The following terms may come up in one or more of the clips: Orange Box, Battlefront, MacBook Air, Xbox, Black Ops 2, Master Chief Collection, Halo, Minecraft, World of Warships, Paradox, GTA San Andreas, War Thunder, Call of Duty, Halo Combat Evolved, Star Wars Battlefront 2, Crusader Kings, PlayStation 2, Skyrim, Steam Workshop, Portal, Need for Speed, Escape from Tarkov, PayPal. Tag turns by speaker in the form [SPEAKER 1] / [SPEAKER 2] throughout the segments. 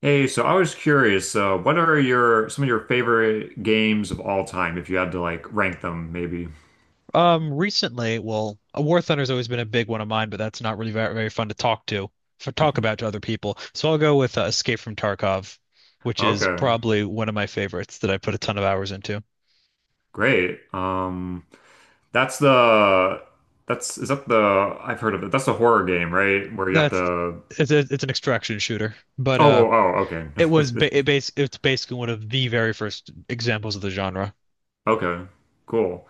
[SPEAKER 1] Hey, so I was curious, what are your some of your favorite games of all time, if you had to like rank them, maybe?
[SPEAKER 2] Recently, well, a War Thunder's always been a big one of mine, but that's not really very, very fun to talk to, for talk about to other people. So I'll go with Escape from Tarkov, which is
[SPEAKER 1] Okay,
[SPEAKER 2] probably one of my favorites that I put a ton of hours into.
[SPEAKER 1] great. That's the that's is that the I've heard of it. That's the horror game, right? Where you have to.
[SPEAKER 2] That's
[SPEAKER 1] Oh,
[SPEAKER 2] it's an extraction shooter, but
[SPEAKER 1] oh, okay,
[SPEAKER 2] it was ba it base it's basically one of the very first examples of the genre.
[SPEAKER 1] okay, cool.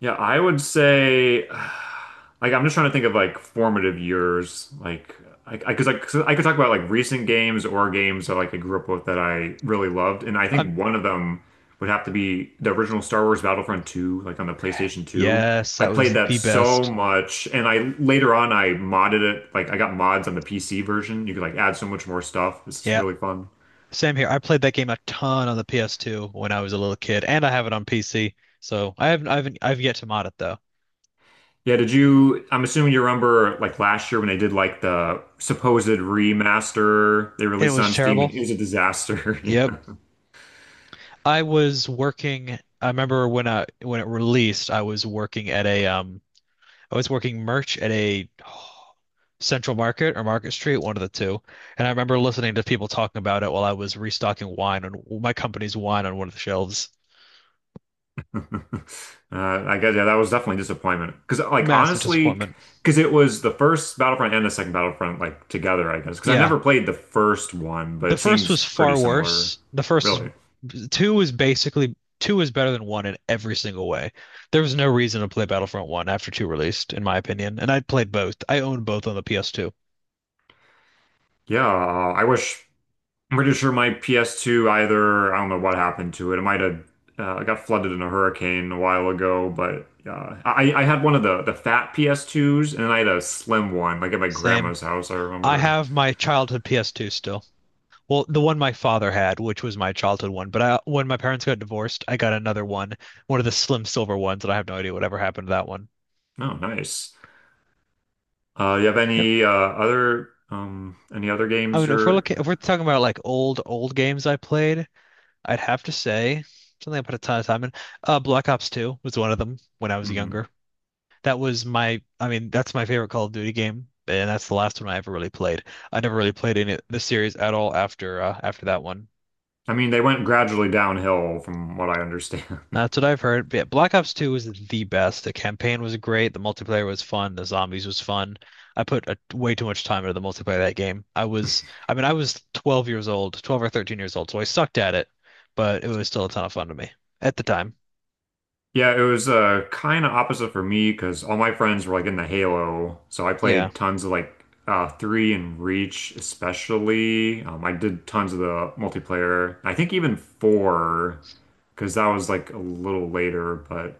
[SPEAKER 1] Yeah, I would say, like, I'm just trying to think of like formative years, like, 'cause I could talk about like recent games or games that like I grew up with that I really loved, and I
[SPEAKER 2] Um,
[SPEAKER 1] think one of them would have to be the original Star Wars Battlefront 2, like on the PlayStation 2.
[SPEAKER 2] yes,
[SPEAKER 1] I
[SPEAKER 2] that
[SPEAKER 1] played
[SPEAKER 2] was
[SPEAKER 1] that
[SPEAKER 2] the
[SPEAKER 1] so
[SPEAKER 2] best.
[SPEAKER 1] much, and I later on I modded it, like I got mods on the PC version. You could like add so much more stuff. It's
[SPEAKER 2] Yeah,
[SPEAKER 1] really fun.
[SPEAKER 2] same here. I played that game a ton on the PS2 when I was a little kid, and I have it on PC. So I haven't, I've yet to mod it though.
[SPEAKER 1] Yeah, did you? I'm assuming you remember like last year when they did like the supposed remaster they
[SPEAKER 2] It
[SPEAKER 1] released
[SPEAKER 2] was
[SPEAKER 1] on Steam and
[SPEAKER 2] terrible.
[SPEAKER 1] it was a disaster.
[SPEAKER 2] Yep. I was working. I remember when it released, I was working at a I was working merch at a Central Market or Market Street, one of the two. And I remember listening to people talking about it while I was restocking wine on my company's wine on one of the shelves.
[SPEAKER 1] I guess yeah, that was definitely a disappointment. Because like
[SPEAKER 2] Massive
[SPEAKER 1] honestly,
[SPEAKER 2] disappointment.
[SPEAKER 1] because it was the first Battlefront and the second Battlefront like together, I guess. Because I
[SPEAKER 2] Yeah.
[SPEAKER 1] never played the first one, but
[SPEAKER 2] The
[SPEAKER 1] it
[SPEAKER 2] first
[SPEAKER 1] seems
[SPEAKER 2] was
[SPEAKER 1] pretty
[SPEAKER 2] far
[SPEAKER 1] similar,
[SPEAKER 2] worse. The first
[SPEAKER 1] really.
[SPEAKER 2] was two was basically two was better than one in every single way. There was no reason to play Battlefront 1 after 2 released, in my opinion. And I played both. I owned both on the PS2.
[SPEAKER 1] Yeah, I wish. I'm pretty sure my PS2 either, I don't know what happened to it. It might have got flooded in a hurricane a while ago, but I had one of the fat PS2s and then I had a slim one, like at my
[SPEAKER 2] Same.
[SPEAKER 1] grandma's house, I
[SPEAKER 2] I
[SPEAKER 1] remember.
[SPEAKER 2] have my childhood PS2 still. Well, the one my father had, which was my childhood one, but when my parents got divorced, I got another one, one of the slim silver ones, and I have no idea whatever happened to that one.
[SPEAKER 1] Oh, nice. You have
[SPEAKER 2] Yep.
[SPEAKER 1] any other any other
[SPEAKER 2] I
[SPEAKER 1] games
[SPEAKER 2] mean,
[SPEAKER 1] or
[SPEAKER 2] if we're talking about like old, old games I played, I'd have to say something I put a ton of time in. Black Ops 2 was one of them when I was
[SPEAKER 1] Mhm.
[SPEAKER 2] younger. I mean, that's my favorite Call of Duty game, and that's the last one I ever really played. I never really played any the series at all after that one.
[SPEAKER 1] I mean, they went gradually downhill from what I understand.
[SPEAKER 2] That's what I've heard. But yeah, Black Ops 2 was the best. The campaign was great. The multiplayer was fun. The zombies was fun. I put way too much time into the multiplayer of that game. I mean, I was 12 years old, 12 or 13 years old, so I sucked at it, but it was still a ton of fun to me at the time.
[SPEAKER 1] Yeah, it was kind of opposite for me because all my friends were like in the Halo, so I
[SPEAKER 2] Yeah.
[SPEAKER 1] played tons of like three and Reach especially. I did tons of the multiplayer. I think even four because that was like a little later, but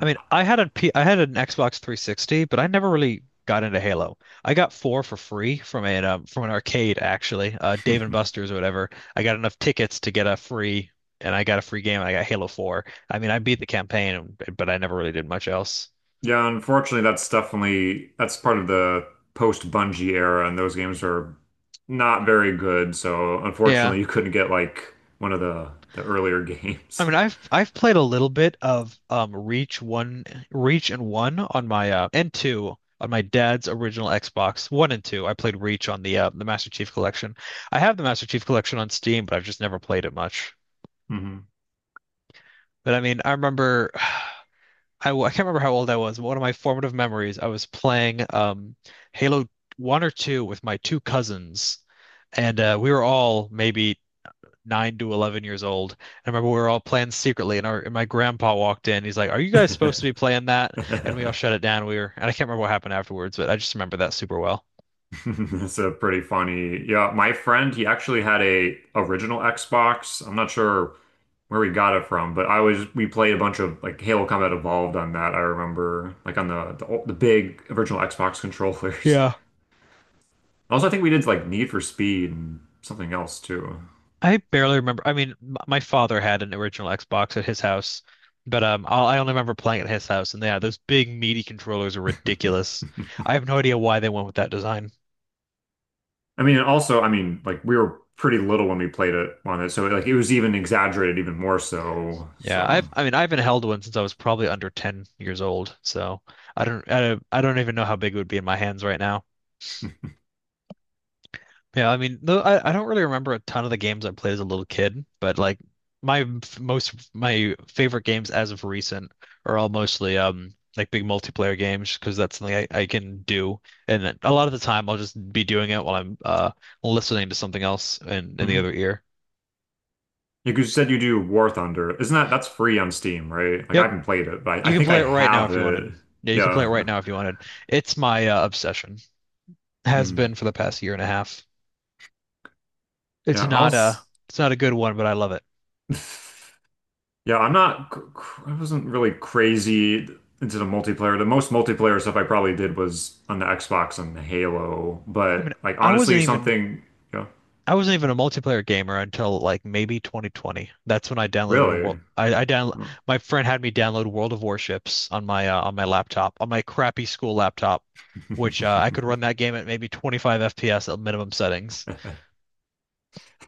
[SPEAKER 2] I mean, I had an Xbox 360, but I never really got into Halo. I got four for free from a from an arcade actually, Dave and Buster's or whatever. I got enough tickets to get a free game, and I got Halo 4. I mean, I beat the campaign, but I never really did much else.
[SPEAKER 1] yeah, unfortunately that's part of the post Bungie era, and those games are not very good. So
[SPEAKER 2] Yeah.
[SPEAKER 1] unfortunately, you couldn't get like one of the earlier
[SPEAKER 2] I
[SPEAKER 1] games.
[SPEAKER 2] mean, I've played a little bit of Reach one, Reach and one on my and two on my dad's original Xbox one and two. I played Reach on the Master Chief Collection. I have the Master Chief Collection on Steam, but I've just never played it much.
[SPEAKER 1] Hmm.
[SPEAKER 2] But I mean, I remember I can't remember how old I was, but one of my formative memories, I was playing Halo one or two with my two cousins, and we were all maybe 9 to 11 years old. I remember we were all playing secretly, and our and my grandpa walked in. He's like, "Are you guys supposed to be playing that?" And we all shut it down. And I can't remember what happened afterwards, but I just remember that super well.
[SPEAKER 1] It's a pretty funny. Yeah, my friend, he actually had a original Xbox. I'm not sure where we got it from, but I was we played a bunch of like Halo Combat Evolved on that. I remember like on the big original Xbox controllers.
[SPEAKER 2] Yeah.
[SPEAKER 1] Also, I think we did like Need for Speed and something else too.
[SPEAKER 2] I barely remember. I mean, my father had an original Xbox at his house, but I only remember playing at his house. And yeah, those big meaty controllers are
[SPEAKER 1] I
[SPEAKER 2] ridiculous. I have no idea why they went with that design.
[SPEAKER 1] mean, and also, I mean, like we were pretty little when we played it on it, so like it was even exaggerated even more so.
[SPEAKER 2] Yeah,
[SPEAKER 1] So.
[SPEAKER 2] I mean I haven't held one since I was probably under 10 years old, so I don't even know how big it would be in my hands right now. Yeah, I mean, though I don't really remember a ton of the games I played as a little kid, but like most my favorite games as of recent are all mostly like big multiplayer games because that's something I can do, and then a lot of the time I'll just be doing it while I'm listening to something else in the other ear.
[SPEAKER 1] You could- said you do War Thunder. Isn't that that's free on Steam, right? Like I
[SPEAKER 2] Yep,
[SPEAKER 1] haven't played it, but I
[SPEAKER 2] you can
[SPEAKER 1] think I
[SPEAKER 2] play it right now
[SPEAKER 1] have
[SPEAKER 2] if you
[SPEAKER 1] it.
[SPEAKER 2] wanted. Yeah, you can play it
[SPEAKER 1] Yeah.
[SPEAKER 2] right now if you wanted. It's my obsession. Has
[SPEAKER 1] Mm.
[SPEAKER 2] been for the past year and a half. It's
[SPEAKER 1] Yeah, I'll
[SPEAKER 2] not a
[SPEAKER 1] s-
[SPEAKER 2] it's not a good one, but I love it.
[SPEAKER 1] Yeah, I'm not I wasn't really crazy into the multiplayer. The most multiplayer stuff I probably did was on the Xbox and Halo,
[SPEAKER 2] I
[SPEAKER 1] but
[SPEAKER 2] mean,
[SPEAKER 1] like
[SPEAKER 2] I wasn't
[SPEAKER 1] honestly
[SPEAKER 2] even.
[SPEAKER 1] something, yeah,
[SPEAKER 2] I wasn't even a multiplayer gamer until like maybe 2020. That's when I downloaded a
[SPEAKER 1] really.
[SPEAKER 2] world. I down
[SPEAKER 1] Oh.
[SPEAKER 2] My friend had me download World of Warships on my laptop on my crappy school laptop, which I could run that game at maybe 25 FPS at minimum settings.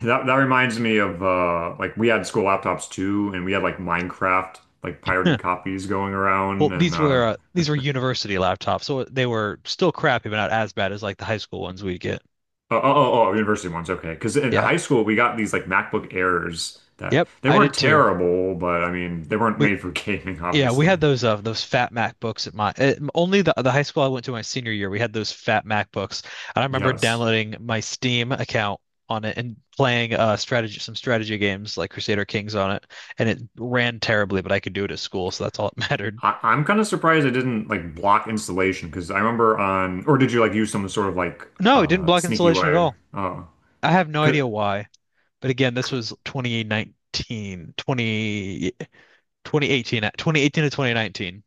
[SPEAKER 1] That that reminds me of like we had school laptops too and we had like Minecraft like
[SPEAKER 2] Huh.
[SPEAKER 1] pirated copies going
[SPEAKER 2] Well,
[SPEAKER 1] around and
[SPEAKER 2] these were uh, these were university laptops, so they were still crappy, but not as bad as like the high school ones we'd get.
[SPEAKER 1] oh, oh, university ones. Okay. Because in
[SPEAKER 2] Yeah.
[SPEAKER 1] high school, we got these like MacBook Airs that
[SPEAKER 2] Yep.
[SPEAKER 1] they
[SPEAKER 2] I
[SPEAKER 1] weren't
[SPEAKER 2] did too.
[SPEAKER 1] terrible, but I mean, they weren't
[SPEAKER 2] We
[SPEAKER 1] made for gaming,
[SPEAKER 2] Yeah, we
[SPEAKER 1] obviously.
[SPEAKER 2] had those fat MacBooks at my only the high school I went to my senior year. We had those fat MacBooks, and I remember
[SPEAKER 1] Yes.
[SPEAKER 2] downloading my Steam account on it and playing strategy games like Crusader Kings on it, and it ran terribly, but I could do it at school, so that's all it mattered.
[SPEAKER 1] I'm kind of surprised it didn't like block installation because I remember on, or did you like use some sort of like
[SPEAKER 2] No, it didn't block
[SPEAKER 1] sneaky
[SPEAKER 2] installation at
[SPEAKER 1] way?
[SPEAKER 2] all.
[SPEAKER 1] Oh,
[SPEAKER 2] I have no idea why, but again, this was 2019, 20 twenty eighteen, 2018 to 2019.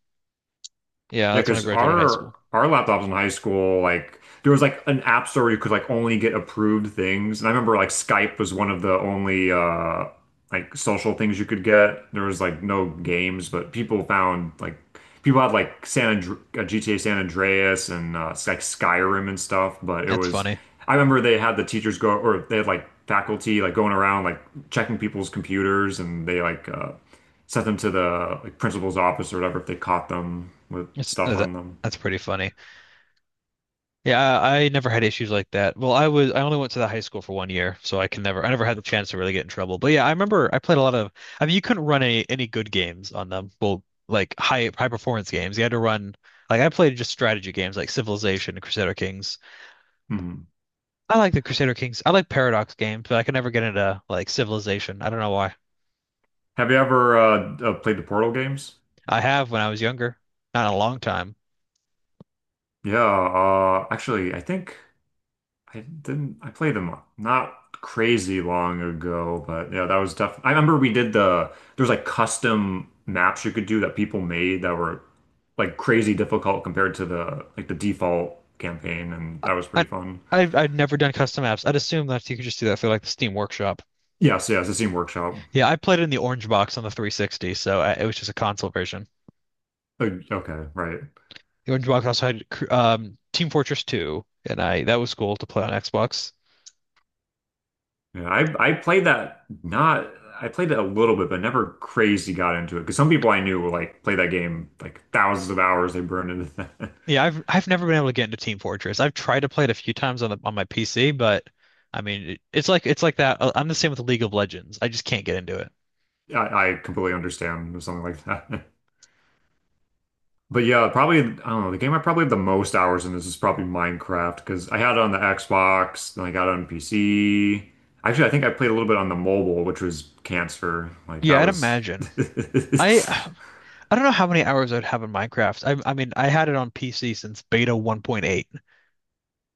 [SPEAKER 2] Yeah,
[SPEAKER 1] yeah,
[SPEAKER 2] that's when I
[SPEAKER 1] because
[SPEAKER 2] graduated high school.
[SPEAKER 1] our laptops in high school, like there was like an app store where you could like only get approved things. And I remember like Skype was one of the only like social things you could get. There was like no games, but people had like San Andre GTA San Andreas and like Skyrim and stuff. But it
[SPEAKER 2] That's
[SPEAKER 1] was
[SPEAKER 2] funny.
[SPEAKER 1] I remember they had the teachers go or they had like faculty like going around like checking people's computers and they like sent them to the like principal's office or whatever if they caught them with
[SPEAKER 2] That's,
[SPEAKER 1] stuff
[SPEAKER 2] that's
[SPEAKER 1] on them.
[SPEAKER 2] that's pretty funny. Yeah, I never had issues like that. Well, I only went to the high school for one year, so I never had the chance to really get in trouble. But yeah, I remember I played a lot of, I mean, you couldn't run any good games on them. Well, like high performance games. You had to run, like, I played just strategy games like Civilization and Crusader Kings.
[SPEAKER 1] Hmm.
[SPEAKER 2] I like the Crusader Kings. I like Paradox games, but I could never get into like Civilization. I don't know why.
[SPEAKER 1] Have you ever played the Portal games?
[SPEAKER 2] I have when I was younger, not in a long time.
[SPEAKER 1] Yeah, actually, I think I didn't. I played them not crazy long ago, but yeah, that was tough. I remember we did the there's like custom maps you could do that people made that were like crazy difficult compared to the default campaign, and that was
[SPEAKER 2] I
[SPEAKER 1] pretty fun.
[SPEAKER 2] I've never done custom apps. I'd assume that you could just do that through like the Steam Workshop.
[SPEAKER 1] Yes, yes, the Steam Workshop.
[SPEAKER 2] Yeah, I played it in the Orange Box on the 360, so it was just a console version.
[SPEAKER 1] Okay, right.
[SPEAKER 2] The Orange Box also had Team Fortress 2, and I that was cool to play on Xbox.
[SPEAKER 1] Yeah, I played that not I played it a little bit, but never crazy got into it. Because some people I knew were like play that game like thousands of hours they burned into that.
[SPEAKER 2] Yeah, I've never been able to get into Team Fortress. I've tried to play it a few times on the on my PC, but I mean, it's like that. I'm the same with League of Legends. I just can't get into it.
[SPEAKER 1] I completely understand something like that. But yeah, probably I don't know, the game I probably have the most hours in this is probably Minecraft because I had it on the Xbox, then I got it on PC. Actually, I think I played a little bit on the mobile, which was cancer. Like that
[SPEAKER 2] Yeah, I'd
[SPEAKER 1] was
[SPEAKER 2] imagine. I I don't know how many hours I'd have in Minecraft. I mean, I had it on PC since beta 1.8.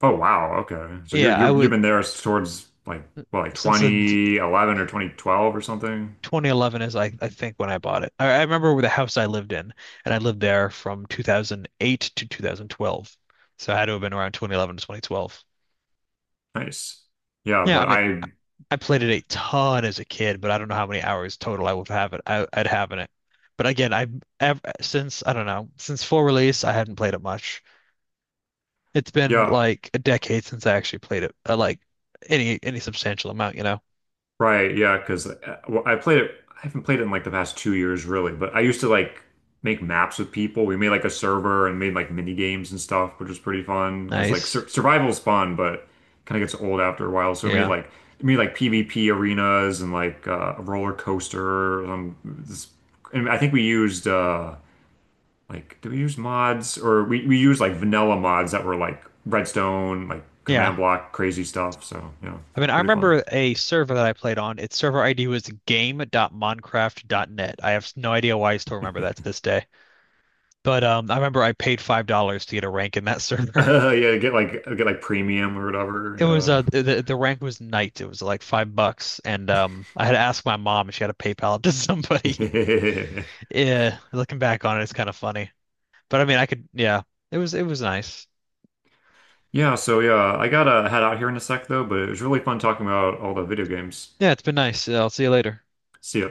[SPEAKER 1] oh wow, okay. So
[SPEAKER 2] Yeah, I
[SPEAKER 1] you've
[SPEAKER 2] would
[SPEAKER 1] been there towards like well like
[SPEAKER 2] since the
[SPEAKER 1] 2011 or 2012 or something.
[SPEAKER 2] 2011 is, I think, when I bought it. I remember with the house I lived in, and I lived there from 2008 to 2012. So I had to have been around 2011 to 2012.
[SPEAKER 1] Nice. Yeah,
[SPEAKER 2] Yeah, I
[SPEAKER 1] but
[SPEAKER 2] mean,
[SPEAKER 1] I
[SPEAKER 2] I played it a ton as a kid, but I don't know how many hours total I would have it. I'd have in it. But again, since I don't know, since full release, I hadn't played it much. It's been
[SPEAKER 1] yeah,
[SPEAKER 2] like a decade since I actually played it, like any substantial amount.
[SPEAKER 1] right, yeah because well, I haven't played it in like the past 2 years really, but I used to like make maps with people. We made like a server and made like mini games and stuff, which was pretty fun because like
[SPEAKER 2] Nice.
[SPEAKER 1] survival's fun, but kind of gets old after a while. So
[SPEAKER 2] Yeah.
[SPEAKER 1] we made like PvP arenas and like a roller coaster and I think we used like do we use mods or we use like vanilla mods that were like redstone like
[SPEAKER 2] Yeah.
[SPEAKER 1] command block crazy stuff so yeah
[SPEAKER 2] I mean, I
[SPEAKER 1] pretty fun.
[SPEAKER 2] remember a server that I played on. Its server ID was game.minecraft.net. I have no idea why I still remember that to this day. But I remember I paid $5 to get a rank in that server.
[SPEAKER 1] Yeah, get like premium or
[SPEAKER 2] It was
[SPEAKER 1] whatever.
[SPEAKER 2] the rank was knight. It was like 5 bucks, and I had to ask my mom if she had a PayPal to somebody.
[SPEAKER 1] Yeah.
[SPEAKER 2] Yeah, looking back on it, it's kind of funny. But I mean, I could yeah, it was nice.
[SPEAKER 1] Yeah, so yeah I gotta head out here in a sec though but it was really fun talking about all the video games.
[SPEAKER 2] Yeah, it's been nice. I'll see you later.
[SPEAKER 1] See ya.